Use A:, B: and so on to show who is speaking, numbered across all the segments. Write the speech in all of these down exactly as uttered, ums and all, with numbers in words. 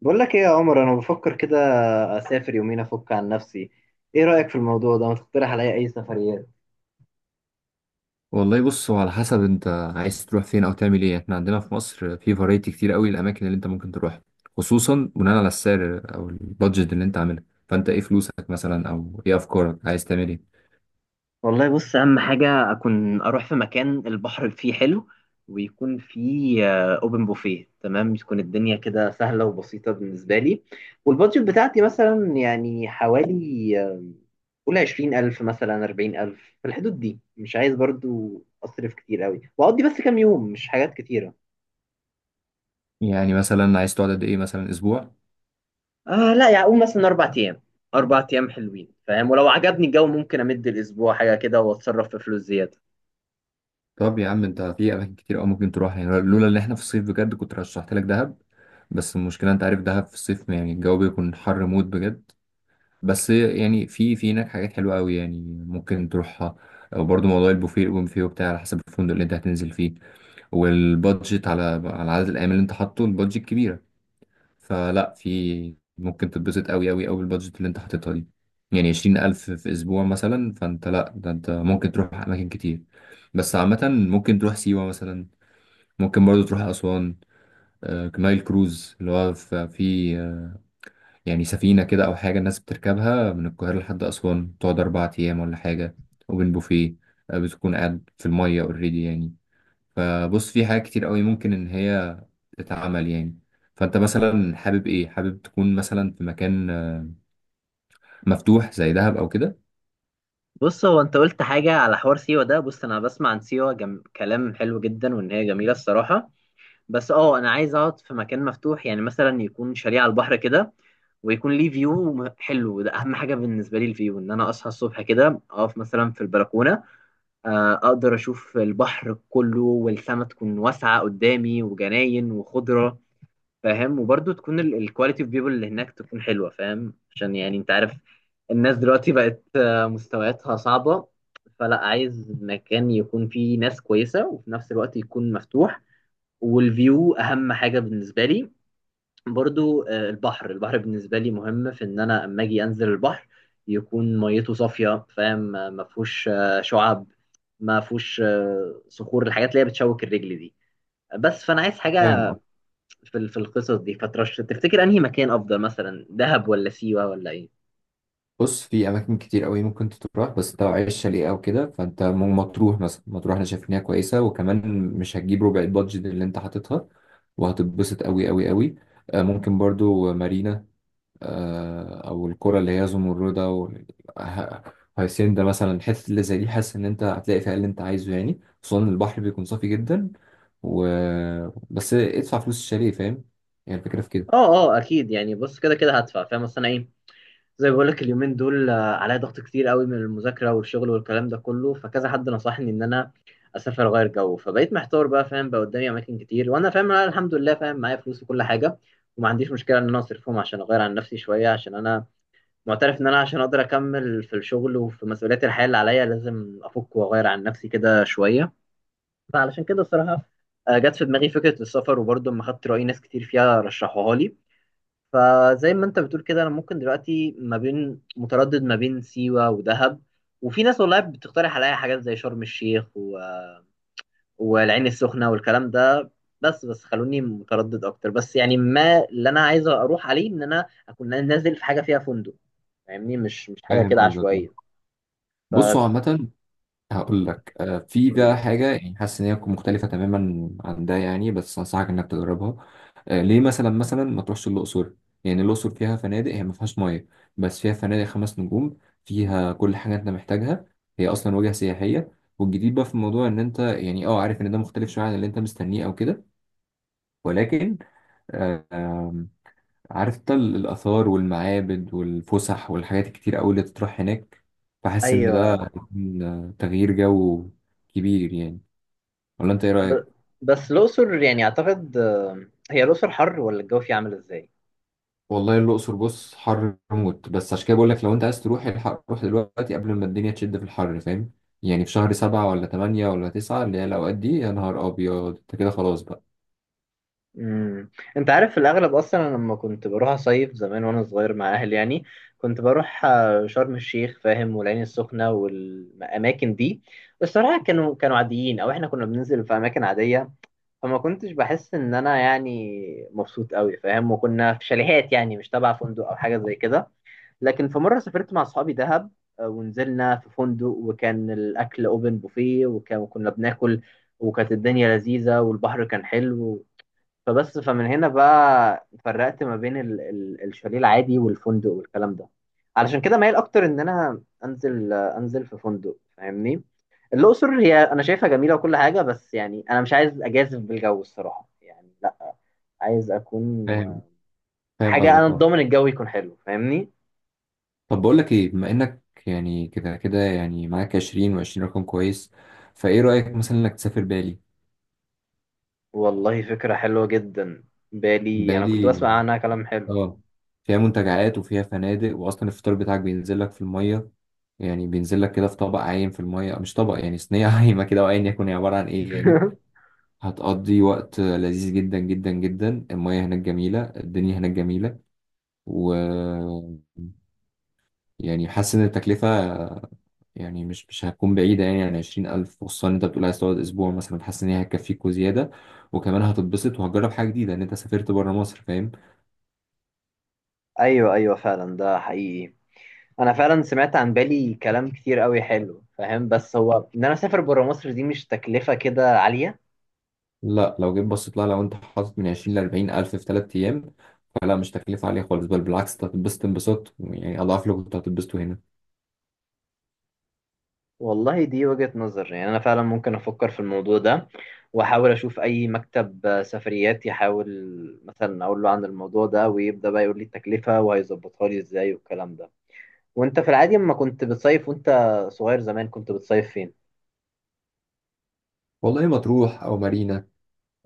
A: بقول لك ايه يا عمر، انا بفكر كده. اسافر يومين افك عن نفسي. ايه رايك في الموضوع ده؟ ما تقترح عليا اي سفريات؟
B: والله بص هو على حسب انت عايز تروح فين او تعمل ايه. احنا عندنا في مصر في فرايتي كتير قوي الاماكن اللي انت ممكن تروح، خصوصا بناء على السعر او البادجت اللي انت عاملها. فانت ايه فلوسك مثلا، او ايه افكارك، عايز تعمل ايه؟
A: والله بص، اهم حاجه اكون اروح في مكان البحر فيه حلو، ويكون فيه اوبن بوفيه. تمام، تكون الدنيا كده سهله وبسيطه بالنسبه لي. والبادجت بتاعتي مثلا يعني حوالي آه، قول عشرين الف مثلا، اربعين الف، في الحدود دي. مش عايز برضو اصرف كتير قوي واقضي بس كام يوم، مش حاجات كتيره.
B: يعني مثلا عايز تقعد قد ايه، مثلا اسبوع؟
A: آه لا، يعني اقول مثلا اربع ايام. اربع ايام حلوين، فاهم؟ ولو عجبني الجو ممكن امد الاسبوع حاجه كده واتصرف في فلوس زياده.
B: طب يا عم، انت في اماكن كتير قوي ممكن تروح، يعني لولا ان احنا في الصيف بجد كنت رشحت لك دهب. بس المشكله انت عارف دهب في الصيف يعني الجو بيكون حر موت بجد. بس يعني في في هناك حاجات حلوة قوي، يعني ممكن تروحها. وبرضه موضوع البوفيه الاوبن بوفيه وبتاع على حسب الفندق اللي انت هتنزل فيه، والبادجت على على عدد الايام اللي انت حاطه. البادجت كبيرة، فلا في ممكن تتبسط قوي قوي قوي بالبادجت اللي انت حاططها دي. يعني عشرين ألف في أسبوع مثلا، فأنت لأ، ده أنت ممكن تروح أماكن كتير. بس عامة ممكن تروح سيوة مثلا، ممكن برضه تروح أسوان. آه، نايل كروز اللي هو في في آه، يعني سفينة كده أو حاجة الناس بتركبها من القاهرة لحد أسوان، تقعد أربع أيام ولا حاجة. وبين بوفيه، آه، بتكون قاعد في المية أوريدي يعني. فبص في حاجات كتير قوي ممكن إن هي تتعمل يعني. فأنت مثلا حابب إيه؟ حابب تكون مثلا في مكان آه، مفتوح زي دهب أو كده؟
A: بص، هو انت قلت حاجه على حوار سيوه ده. بص، انا بسمع عن سيوه جم... كلام حلو جدا وان هي جميله الصراحه. بس اه، انا عايز اقعد في مكان مفتوح، يعني مثلا يكون شاليه على البحر كده، ويكون ليه فيو م- حلو. ده اهم حاجه بالنسبه لي، الفيو، ان انا اصحى الصبح كده اقف مثلا في البلكونه، آه، اقدر اشوف البحر كله والسما تكون واسعه قدامي وجناين وخضره، فاهم؟ وبرضه تكون الكواليتي اوف بيبول اللي هناك تكون حلوه، فاهم، عشان يعني انت عارف الناس دلوقتي بقت آه، مستوياتها صعبه. فلا، عايز مكان يكون فيه ناس كويسه وفي نفس الوقت يكون مفتوح، والفيو اهم حاجه بالنسبه لي. برضو آه، البحر البحر بالنسبه لي مهم في ان انا اما اجي انزل البحر يكون ميته صافيه، فاهم، آه، ما فيهوش آه، شعاب، ما فيهوش آه، صخور، الحاجات اللي هي بتشوك الرجل دي. بس فانا عايز
B: فاهم
A: حاجه
B: قصدك.
A: في ال- في القصص دي. فترش تفتكر انهي مكان افضل، مثلا دهب ولا سيوة ولا ايه؟
B: بص في اماكن كتير قوي ممكن تروح، بس انت لو عايز شاليه او كده فانت م- مطروح، مثلا مطروح انا شايف ان هي كويسه، وكمان مش هتجيب ربع البادجت اللي انت حاططها، وهتتبسط قوي قوي قوي. آه، ممكن برضو مارينا، آه، او الكرة اللي هي زمردة وهيسين. ده مثلا الحتت اللي زي دي حاسس ان انت هتلاقي فيها اللي انت عايزه يعني، خصوصا إن البحر بيكون صافي جدا. و بس ادفع فلوس الشاليه، فاهم، يعني الفكرة في كده.
A: اه اه، اكيد يعني. بص، كده كده هدفع، فاهم، اصل انا ايه، زي ما بقول لك اليومين دول آه، عليا ضغط كتير قوي من المذاكره والشغل والكلام ده كله، فكذا حد نصحني ان انا اسافر اغير جو. فبقيت محتار بقى، فاهم، بقى قدامي اماكن كتير وانا فاهم، انا الحمد لله فاهم، معايا فلوس وكل حاجه، وما عنديش مشكله ان انا اصرفهم عشان اغير عن نفسي شويه، عشان انا معترف ان انا عشان اقدر اكمل في الشغل وفي مسؤوليات الحياه اللي عليا لازم افك واغير عن نفسي كده شويه. فعلشان كده الصراحة آه، جت في دماغي فكرة السفر، وبرضه لما خدت رأي ناس كتير فيها رشحوها لي. فزي ما انت بتقول كده، انا ممكن دلوقتي ما بين متردد ما بين سيوة ودهب، وفي ناس والله بتقترح عليا حاجات زي شرم الشيخ و... والعين السخنة والكلام ده. بس بس خلوني متردد اكتر. بس يعني ما اللي انا عايز اروح عليه ان انا اكون نازل في حاجة فيها فندق، فاهمني، مش مش حاجة
B: فاهم
A: كده
B: قصدك
A: عشوائية.
B: آه. بصوا
A: فتقول
B: عامة هقول لك آه، في ده
A: لي
B: حاجة، يعني حاسس إن هي تكون مختلفة تماما عن ده يعني، بس أنصحك إنك تجربها. آه، ليه مثلا مثلا ما تروحش الأقصر؟ يعني الأقصر فيها فنادق، هي ما فيهاش مية، بس فيها فنادق خمس نجوم. فيها كل حاجة أنت محتاجها، هي أصلا وجهة سياحية. والجديد بقى في الموضوع إن أنت يعني أه عارف إن ده مختلف شوية عن اللي أنت مستنيه أو كده، ولكن آه، عارف انت ال- الآثار والمعابد والفسح والحاجات الكتير قوي اللي تطرح هناك. فحاسس إن ده
A: ايوه.
B: هيكون تغيير جو كبير يعني. ولا أنت إيه
A: ب...
B: رأيك؟
A: بس الأقصر يعني أعتقد، آه، هي الأقصر حر ولا الجو فيها عامل إزاي؟
B: والله الأقصر بص حر موت، بس عشان كده بقول لك لو أنت عايز تروح الحق روح دلوقتي قبل ما الدنيا تشد في الحر، فاهم؟ يعني في شهر سبعة ولا تمانية ولا تسعة اللي هي الأوقات دي يا نهار أبيض، أنت كده خلاص بقى.
A: امم أنت عارف في الأغلب أصلا أنا لما كنت بروح أصيف زمان وأنا صغير مع أهلي، يعني كنت بروح آه، شرم الشيخ، فاهم، والعين السخنة والأماكن دي. الصراحة كانوا كانوا عاديين، أو إحنا كنا بننزل في أماكن عادية، فما كنتش بحس إن أنا يعني مبسوط قوي، فاهم، وكنا في شاليهات يعني مش تبع فندق أو حاجة زي كده. لكن في مرة سافرت مع أصحابي دهب، آه، ونزلنا في فندق وكان الأكل أوبن بوفيه، وكان- وكنا بناكل، وكانت الدنيا لذيذة والبحر كان حلو. فبس، فمن هنا بقى فرقت ما بين ال ال الشاليه العادي والفندق والكلام ده. علشان كده مايل أكتر إن أنا أنزل، آه، أنزل في فندق، فاهمني. الأقصر هي أنا شايفها جميلة وكل حاجة، بس يعني أنا مش عايز أجازف بالجو الصراحة، يعني لا. عايز أكون
B: فاهم.
A: آه،
B: فاهم
A: حاجة
B: قصدك
A: أنا
B: أه.
A: ضامن الجو يكون حلو، فاهمني.
B: طب بقول لك إيه، بما إنك يعني كده كده يعني معاك عشرين و20 رقم كويس. فإيه رأيك مثلا إنك تسافر بالي؟
A: والله فكرة حلوة جدا. بالي أنا كنت
B: بقالي
A: بسمع عنها كلام حلو.
B: اه، فيها منتجعات وفيها فنادق، واصلا الفطار بتاعك بينزل لك في الميه. يعني بينزل لك كده في طبق عايم في الميه، مش طبق يعني صينيه عايمه كده، وايا يكن هي عباره عن ايه يعني. هتقضي وقت لذيذ جدا جدا جدا، الميه هناك جميله، الدنيا هناك جميله. و يعني حاسس ان التكلفه يعني مش مش هتكون بعيده يعني عن عشرين ألف، خصوصا إن انت بتقول عايز تقعد اسبوع مثلا، حاسس ان هي هتكفيك وزياده. وكمان هتتبسط وهتجرب حاجه جديده ان انت سافرت بره مصر، فاهم.
A: أيوة أيوة، فعلا ده حقيقي. أنا فعلا سمعت عن بالي كلام كتير قوي حلو، فاهم، بس هو إن أنا أسافر برا مصر دي، مش تكلفة كده عالية؟
B: لا لو جيت بصيت لها، لو انت حاطط من عشرين ل أربعين الف في ثلاث ايام فلا مش تكلفه عاليه خالص، بل بالعكس انت هتتبسط انبساط يعني اضعاف اللي كنت هتتبسطه هنا.
A: والله دي وجهة نظر، يعني أنا فعلا ممكن أفكر في الموضوع ده، وأحاول أشوف أي مكتب سفريات، يحاول مثلا أقول له عن الموضوع ده ويبدأ بقى يقول لي التكلفة وهيظبطها لي إزاي والكلام ده. وأنت في العادي لما كنت بتصيف وأنت صغير زمان كنت بتصيف فين؟
B: والله مطروح او مارينا،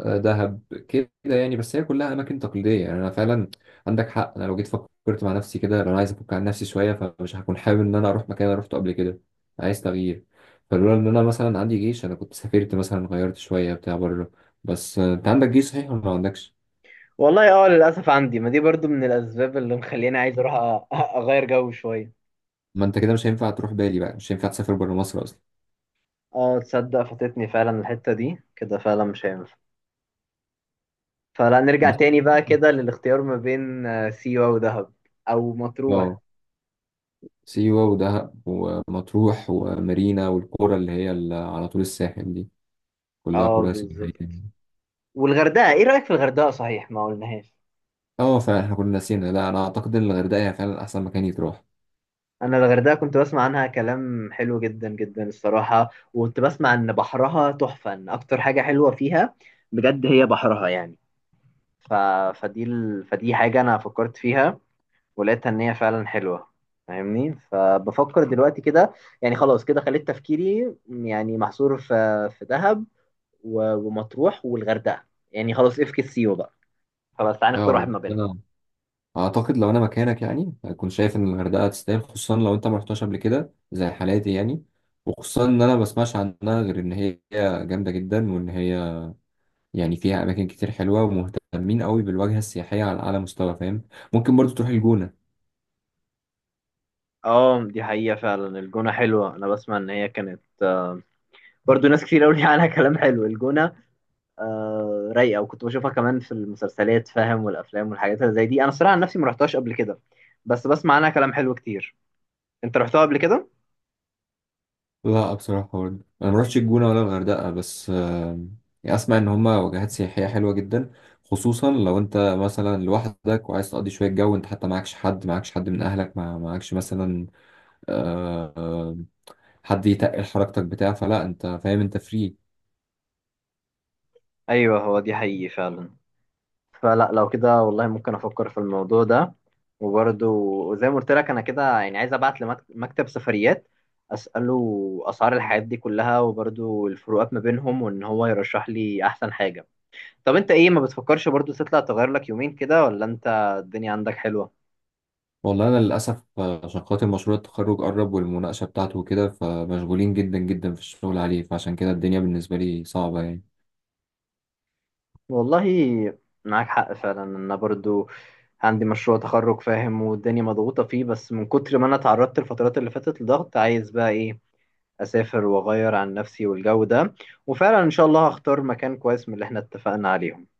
B: آه، دهب، كده يعني، بس هي كلها اماكن تقليديه يعني. انا فعلا عندك حق، انا لو جيت فكرت مع نفسي كده، لو انا عايز افك عن نفسي شويه فمش هكون حابب ان انا اروح مكان انا روحته قبل كده. عايز تغيير. فلولا ان انا مثلا عندي جيش انا كنت سافرت مثلا غيرت شويه بتاع بره. بس آه، انت عندك جيش صحيح ولا ما عندكش؟
A: والله اه، للاسف عندي، ما دي برضو من الاسباب اللي مخليني عايز اروح أ- اغير جو شويه.
B: ما انت كده مش هينفع تروح بالي بقى، مش هينفع تسافر بره مصر اصلا.
A: اه تصدق فاتتني فعلا الحته دي، كده فعلا مش هينفع. فلا نرجع
B: بس
A: تاني بقى كده للاختيار ما بين آه، سيوه ودهب او مطروح.
B: اه، سيوة ودهب ومطروح ومارينا والقرى اللي هي ال- على طول الساحل دي كلها
A: اه
B: قرى سياحية
A: بالظبط.
B: يعني.
A: والغردقه، ايه رايك في الغردقه؟ صحيح ما قلناهاش.
B: اه فعلا احنا كنا نسينا، لا انا اعتقد ان الغردقة هي فعلا احسن مكان يتروح.
A: انا الغردقه كنت بسمع عنها كلام حلو جدا جدا الصراحه، وكنت بسمع ان بحرها تحفه، ان اكتر حاجه حلوه فيها بجد هي بحرها يعني. ف... فدي ال... فدي حاجه انا فكرت فيها ولقيتها ان هي فعلا حلوه، فاهمني. فبفكر دلوقتي كده. يعني خلاص كده خليت تفكيري يعني محصور في في دهب و- ومطروح والغردقه. يعني خلاص افكس سيو بقى. خلاص تعالى نختار واحد
B: اه،
A: ما بينهم.
B: انا اعتقد لو انا مكانك يعني هكون شايف ان الغردقة تستاهل، خصوصا لو انت ما رحتهاش قبل كده زي حالاتي يعني. وخصوصا ان انا ما بسمعش عنها غير ان هي جامدة جدا، وان هي يعني فيها اماكن كتير حلوة، ومهتمين قوي بالواجهة السياحية على اعلى مستوى، فاهم. ممكن برضو تروح الجونة.
A: اه دي حقيقة، فعلا الجونة حلوة. أنا بسمع إن هي كانت برضو ناس كتير قوي عنها كلام حلو الجونة. آه رايقة، وكنت بشوفها كمان في المسلسلات، فاهم، والأفلام والحاجات اللي زي دي. أنا الصراحة عن نفسي ما رحتهاش قبل كده، بس بسمع عنها كلام حلو كتير. أنت رحتها قبل كده؟
B: لا بصراحة برضه أنا مروحتش الجونة ولا الغردقة، بس آم، يعني أسمع إن هما وجهات سياحية حلوة جدا. خصوصا لو أنت مثلا لوحدك وعايز تقضي شوية جو، أنت حتى معكش حد معكش حد من أهلك، مع- معكش مثلا آه، آه، حد يتقل حركتك بتاع، فلا أنت فاهم، أنت فري.
A: أيوه، هو دي حقيقي فعلا. فلا لو كده والله ممكن افكر في الموضوع ده. وبرده زي ما قلت لك انا كده يعني عايز ابعت لمكتب سفريات اساله اسعار الحاجات دي كلها، وبرده الفروقات ما بينهم، وان هو يرشح لي احسن حاجه. طب انت ايه، ما بتفكرش برضو تطلع تغير لك يومين كده، ولا انت الدنيا عندك حلوه؟
B: والله أنا للأسف آه، عشان خاطر مشروع التخرج قرب والمناقشة بتاعته وكده، فمشغولين جدا جدا في الشغل عليه، فعشان كده الدنيا بالنسبة لي صعبة يعني
A: والله معاك حق فعلا. انا برضو عندي مشروع تخرج، فاهم، والدنيا مضغوطه فيه، بس من كتر ما انا اتعرضت الفترات اللي فاتت لضغط عايز بقى ايه، اسافر واغير عن نفسي والجو ده. وفعلا ان شاء الله هختار مكان كويس من اللي احنا اتفقنا عليه.